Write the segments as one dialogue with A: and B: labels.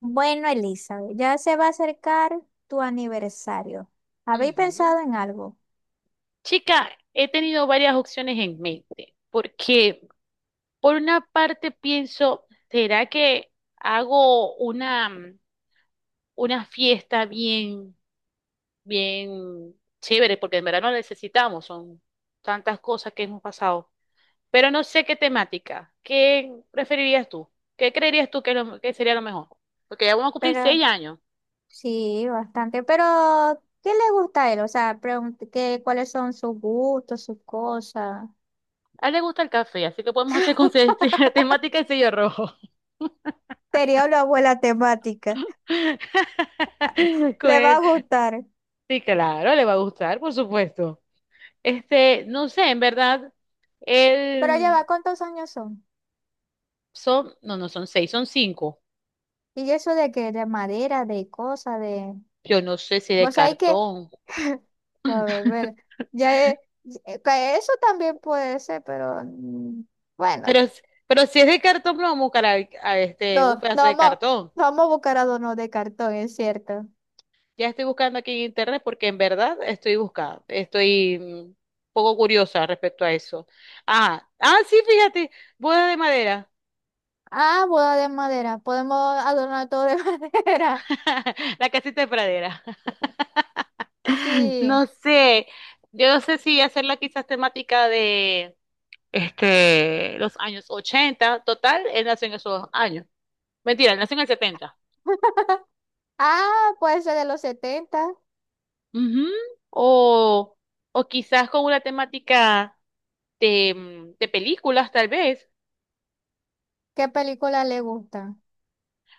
A: Bueno, Elizabeth, ya se va a acercar tu aniversario. ¿Habéis
B: Ujú.
A: pensado en algo?
B: Chica, he tenido varias opciones en mente, porque por una parte pienso, ¿será que hago una fiesta bien, bien chévere? Porque en verano necesitamos, son tantas cosas que hemos pasado, pero no sé qué temática. ¿Qué preferirías tú? ¿Qué creerías tú que, que sería lo mejor? Porque ya vamos a cumplir
A: Pero
B: 6 años.
A: sí, bastante. Pero, ¿qué le gusta a él? O sea, ¿qué, cuáles son sus gustos, sus cosas?
B: A él le gusta el café, así que podemos hacer con temática de sello rojo.
A: Sería una buena temática. Le va a
B: con,
A: gustar.
B: Sí, claro, le va a gustar, por supuesto. Este, no sé, en verdad,
A: Pero ya va,
B: él
A: ¿cuántos años son?
B: son, no, no son seis, son cinco.
A: Y eso de que de madera, de cosas, de...
B: Yo no sé si de
A: Vos sabés que...
B: cartón,
A: A ver, bueno, ya, que eso también puede ser, pero mm,
B: pero,
A: bueno.
B: s- pero si es de cartón, vamos a buscar a, este,
A: No,
B: un
A: no
B: pedazo de
A: vamos,
B: cartón.
A: no vamos a buscar adornos de cartón, es cierto.
B: Ya estoy buscando aquí en internet porque en verdad estoy buscando, estoy un poco curiosa respecto a eso. Ah, ah, sí, fíjate, boda de madera,
A: Ah, boda de madera. Podemos adornar todo de madera.
B: la casita de pradera.
A: Sí.
B: No sé, yo no sé si hacerla quizás temática de este, los años 80, total, él nació en esos años. Mentira, él nació en el 70.
A: Ah, puede ser de los setenta.
B: Ujú. O, o quizás con una temática de películas, tal vez.
A: ¿Qué película le gusta?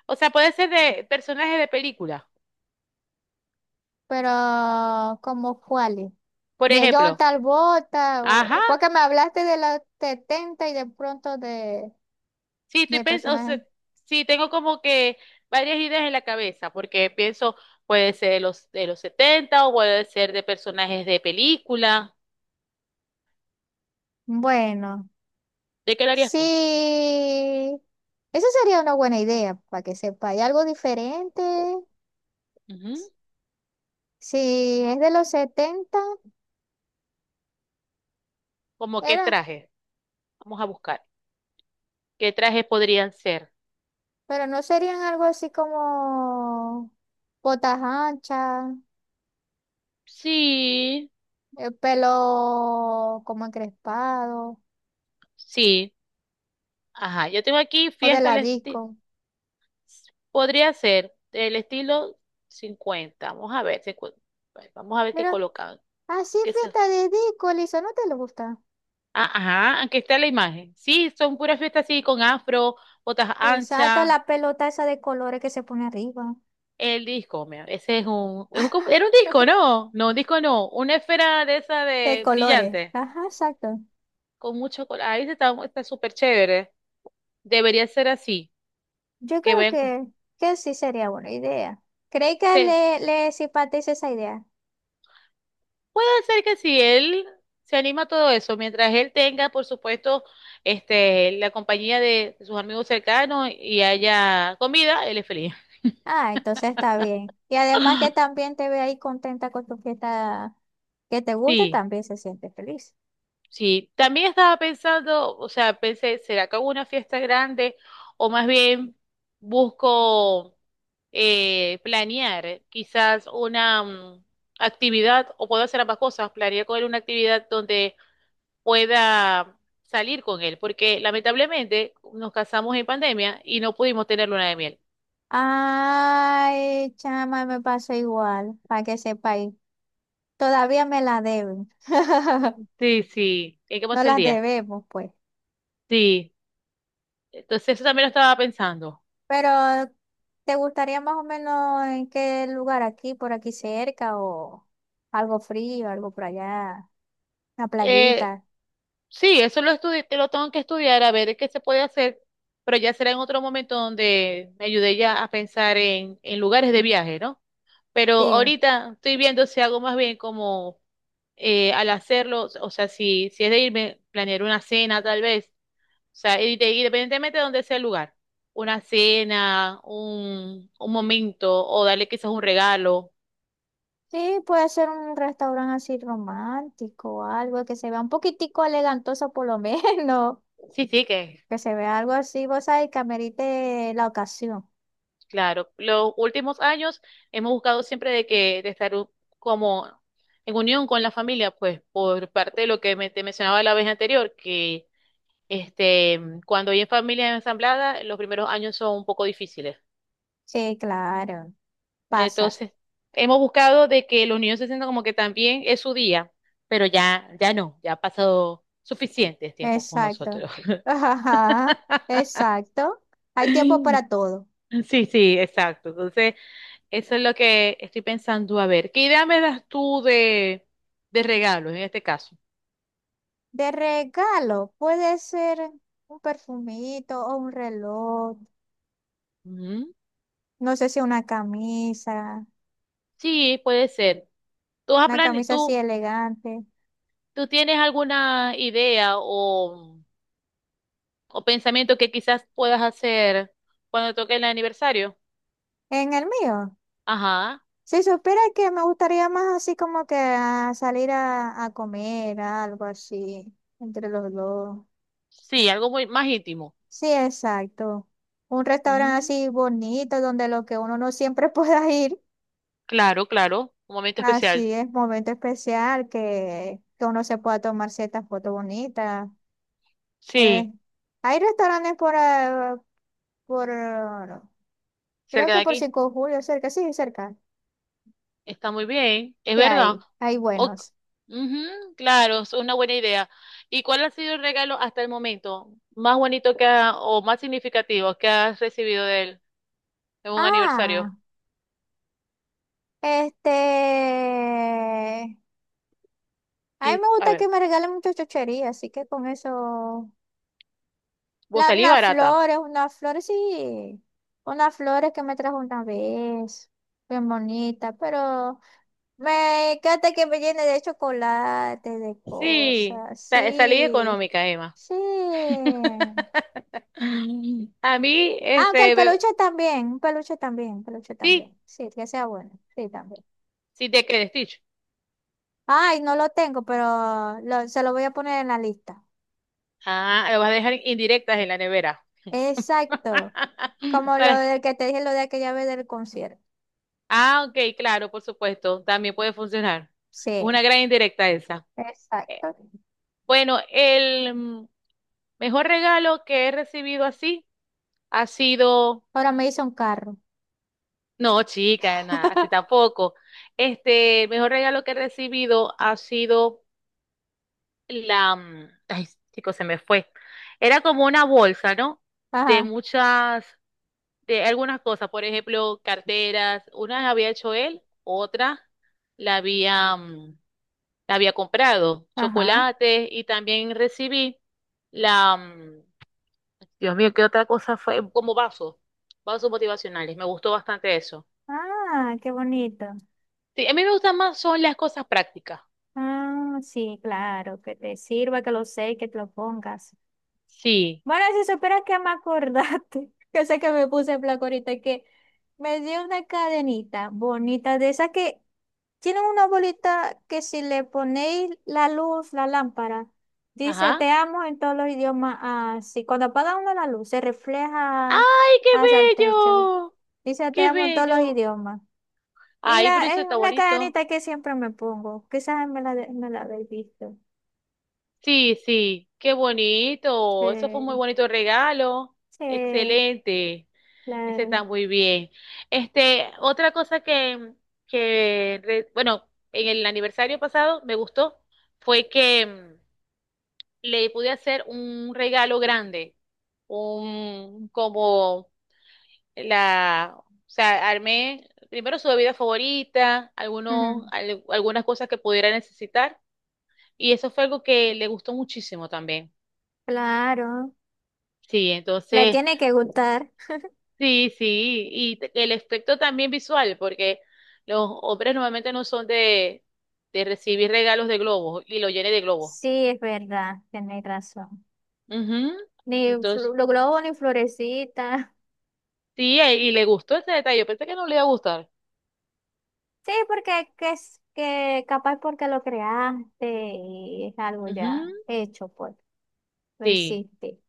B: O sea, puede ser de personajes de películas,
A: Pero, ¿como cuáles?
B: por
A: De John
B: ejemplo.
A: Travolta,
B: Ajá,
A: porque me hablaste de los 70 y de pronto de,
B: sí, estoy
A: de
B: pensando,
A: personajes.
B: sí, tengo como que varias ideas en la cabeza, porque pienso, puede ser de los 70, o puede ser de personajes de película.
A: Bueno,
B: ¿De qué lo harías tú?
A: sí. Esa sería una buena idea, para que sepa. ¿Hay algo diferente?
B: Ujú.
A: Si es de los 70
B: ¿Cómo qué
A: era,
B: traje? Vamos a buscar. ¿Qué trajes podrían ser?
A: pero no serían algo así como botas anchas,
B: Sí,
A: el pelo como encrespado
B: sí. Ajá, yo tengo aquí
A: o de
B: fiesta
A: la
B: al estilo.
A: disco.
B: Podría ser del estilo 50. Vamos a ver, 50. Bueno, vamos a ver qué
A: Pero
B: colocan.
A: así
B: ¿Qué se...
A: fiesta de disco, Elisa, ¿no te lo gusta?
B: Ah, ajá, aquí está la imagen. Sí, son puras fiestas así con afro, botas
A: Exacto,
B: anchas.
A: la pelota esa de colores que se pone arriba.
B: El disco, mira, ese era un disco, ¿no? No, un disco no. Una esfera de esa
A: De
B: de
A: colores,
B: brillante.
A: ajá, exacto.
B: Con mucho color. Ahí está, está súper chévere. Debería ser así.
A: Yo
B: Que
A: creo
B: vayan con.
A: que sí sería buena idea. ¿Cree que
B: Sí,
A: le simpatiza esa idea?
B: puede ser que si él se anima a todo eso, mientras él tenga, por supuesto, este, la compañía de sus amigos cercanos y haya comida, él es feliz.
A: Ah, entonces está bien. Y además que también te ve ahí contenta con tu fiesta que te gusta,
B: Sí,
A: también se siente feliz.
B: sí. También estaba pensando, o sea, pensé, ¿será que hago una fiesta grande? O más bien busco planear quizás una actividad, o puedo hacer ambas cosas, planear con él una actividad donde pueda salir con él, porque lamentablemente nos casamos en pandemia y no pudimos tener luna de miel.
A: Ay, chama, me pasó igual, para que sepáis. Todavía me la deben.
B: Sí, sí, hay que
A: No
B: pasar el
A: las
B: día.
A: debemos, pues.
B: Sí, entonces eso también lo estaba pensando.
A: Pero, ¿te gustaría más o menos en qué lugar aquí, por aquí cerca, o algo frío, algo por allá, una
B: Eh,
A: playita?
B: sí, eso lo tengo que estudiar a ver qué se puede hacer, pero ya será en otro momento donde me ayude ya a pensar en lugares de viaje, ¿no? Pero
A: Sí.
B: ahorita estoy viendo si hago más bien como al hacerlo, o sea, si es de irme, planear una cena tal vez sea, y independientemente de donde sea el lugar, una cena, un momento, o darle quizás un regalo.
A: Sí, puede ser un restaurante así romántico o algo que se vea un poquitico elegantoso por lo menos,
B: Sí, sí, que
A: que se vea algo así, vos sabés, que amerite la ocasión.
B: claro. Los últimos años hemos buscado siempre de que de estar como en unión con la familia, pues por parte de lo que te mencionaba la vez anterior, que este, cuando hay familias ensambladas, los primeros años son un poco difíciles.
A: Sí, claro, pasa.
B: Entonces, hemos buscado de que los niños se sientan como que también es su día, pero ya, ya no, ya ha pasado suficiente tiempo con
A: Exacto.
B: nosotros.
A: Ajá, exacto. Hay tiempo para todo.
B: Sí, sí, exacto. Entonces, eso es lo que estoy pensando. A ver, ¿qué idea me das tú de regalos en este caso?
A: De regalo, puede ser un perfumito o un reloj,
B: Ujú.
A: no sé si una camisa,
B: Sí, puede ser. ¿Tú, has
A: una
B: plane-
A: camisa así
B: tú,
A: elegante.
B: tú tienes alguna idea o pensamiento que quizás puedas hacer cuando toque el aniversario?
A: En el mío.
B: Ajá.
A: Si supiera que me gustaría más así como que a salir a comer, algo así, entre los dos.
B: Sí, algo muy más íntimo.
A: Sí, exacto. Un restaurante
B: Ujú,
A: así bonito donde lo que uno no siempre pueda ir,
B: claro, claro, un momento especial.
A: así es momento especial que uno se pueda tomar ciertas fotos bonitas.
B: Sí,
A: Eh, Hay restaurantes por, ah, creo
B: cerca de
A: que por
B: aquí.
A: 5 de Julio, cerca, sí, cerca.
B: Está muy bien, es
A: ¿Qué
B: verdad.
A: hay? Hay
B: O-
A: buenos.
B: ujú, claro, es una buena idea. ¿Y cuál ha sido el regalo hasta el momento más bonito o más significativo que has recibido de él en un aniversario?
A: Ah, este, a mí me
B: A
A: gusta que
B: ver,
A: me regalen muchas chucherías, así que con eso.
B: vos salí
A: Unas
B: barata.
A: flores, unas flores, sí. Unas flores que me trajo una vez. Bien bonita, pero me encanta que me llene de chocolate, de
B: Sí,
A: cosas,
B: salí
A: sí.
B: económica, Emma.
A: Sí.
B: A mí,
A: Aunque el
B: este,
A: peluche también, un peluche también, un peluche
B: sí,
A: también. Sí, que sea bueno, sí, también.
B: sí te quedes, Stitch.
A: Ay, no lo tengo, pero se lo voy a poner en la lista.
B: Ah, lo vas a dejar indirectas en la nevera.
A: Exacto. Como lo
B: ¿Para qué?
A: de que te dije lo de aquella vez del concierto.
B: Ah, ok, claro, por supuesto, también puede funcionar. Es una
A: Sí,
B: gran indirecta esa. Eh,
A: exacto.
B: Bueno, el mejor regalo que he recibido así ha sido,
A: Ahora me hizo un carro.
B: no, chica, nada, así tampoco. Este, el mejor regalo que he recibido ha sido la, ay, chicos, se me fue. Era como una bolsa, ¿no? De
A: Ajá,
B: muchas, de algunas cosas, por ejemplo, carteras. Unas había hecho él, otra la había había comprado
A: ajá.
B: chocolates y también recibí la, Dios mío, ¿qué otra cosa fue? Como vasos, vasos motivacionales. Me gustó bastante eso.
A: Ah, qué bonito.
B: Sí, a mí me gustan más son las cosas prácticas.
A: Ah, sí, claro, que te sirva, que lo sé, que te lo pongas.
B: Sí.
A: Mara, si supieras que me acordaste, que sé que me puse en flaco ahorita, que me dio una cadenita bonita de esas que tienen una bolita que si le ponéis la luz, la lámpara, dice
B: Ajá.
A: te amo en todos los idiomas, así. Cuando apaga uno la luz, se refleja
B: ¡Ay, qué
A: hacia el techo.
B: bello!
A: Dice te
B: ¡Qué
A: amo en todos los
B: bello!
A: idiomas. Y
B: Ay, pero eso
A: es
B: está
A: una
B: bonito.
A: cadenita que siempre me pongo. Quizás me la habéis visto.
B: Sí, sí, qué bonito. Eso fue un muy
A: Sí,
B: bonito regalo.
A: sí,
B: Excelente. Ese está
A: claro.
B: muy bien. Este, otra cosa bueno, en el aniversario pasado me gustó fue que le pude hacer un regalo grande, un como la, o sea, armé primero su bebida favorita,
A: Ujú.
B: algunas cosas que pudiera necesitar, y eso fue algo que le gustó muchísimo también.
A: Claro,
B: Sí,
A: le
B: entonces
A: tiene que gustar.
B: sí, sí, y el aspecto también visual, porque los hombres normalmente no son de recibir regalos de globos y lo llene de globos.
A: Sí, es verdad, tenéis razón.
B: Ujú.
A: Ni
B: Entonces,
A: los globos ni florecitas.
B: sí, y le gustó ese detalle. Yo pensé que no le iba a gustar.
A: Sí, porque que es que capaz porque lo creaste y es algo
B: Ujú.
A: ya hecho, pues, lo
B: Sí,
A: hiciste.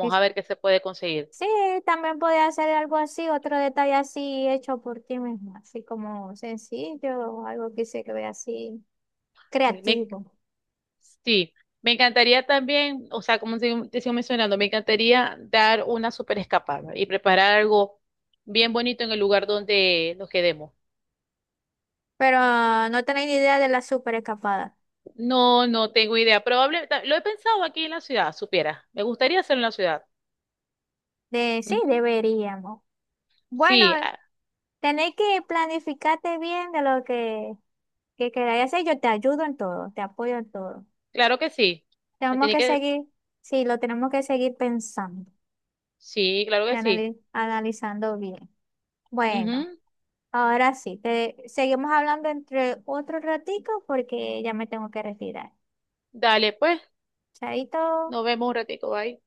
A: Y
B: a ver qué se puede conseguir.
A: sí, también podía hacer algo así, otro detalle así hecho por ti misma, así como sencillo, algo que se que ve así
B: Me-
A: creativo.
B: sí, me encantaría también, o sea, como te sigo mencionando, me encantaría dar una super escapada y preparar algo bien bonito en el lugar donde nos quedemos.
A: Pero no tenéis ni idea de la super escapada.
B: No, no tengo idea. Probable, lo he pensado aquí en la ciudad, supiera. Me gustaría hacerlo en la ciudad.
A: De sí,
B: Ujú.
A: deberíamos. Bueno.
B: Sí, ah,
A: Tenéis que planificarte bien de lo que queráis hacer. Yo te ayudo en todo, te apoyo en todo.
B: claro que sí. Me
A: Tenemos
B: tiene
A: que
B: que,
A: seguir, sí, lo tenemos que seguir pensando
B: sí, claro
A: y
B: que sí.
A: analizando bien. Bueno,
B: Ujú.
A: ahora sí, te seguimos hablando entre otro ratico porque ya me tengo que retirar.
B: Dale, pues,
A: Chaito.
B: nos vemos un ratico, bye.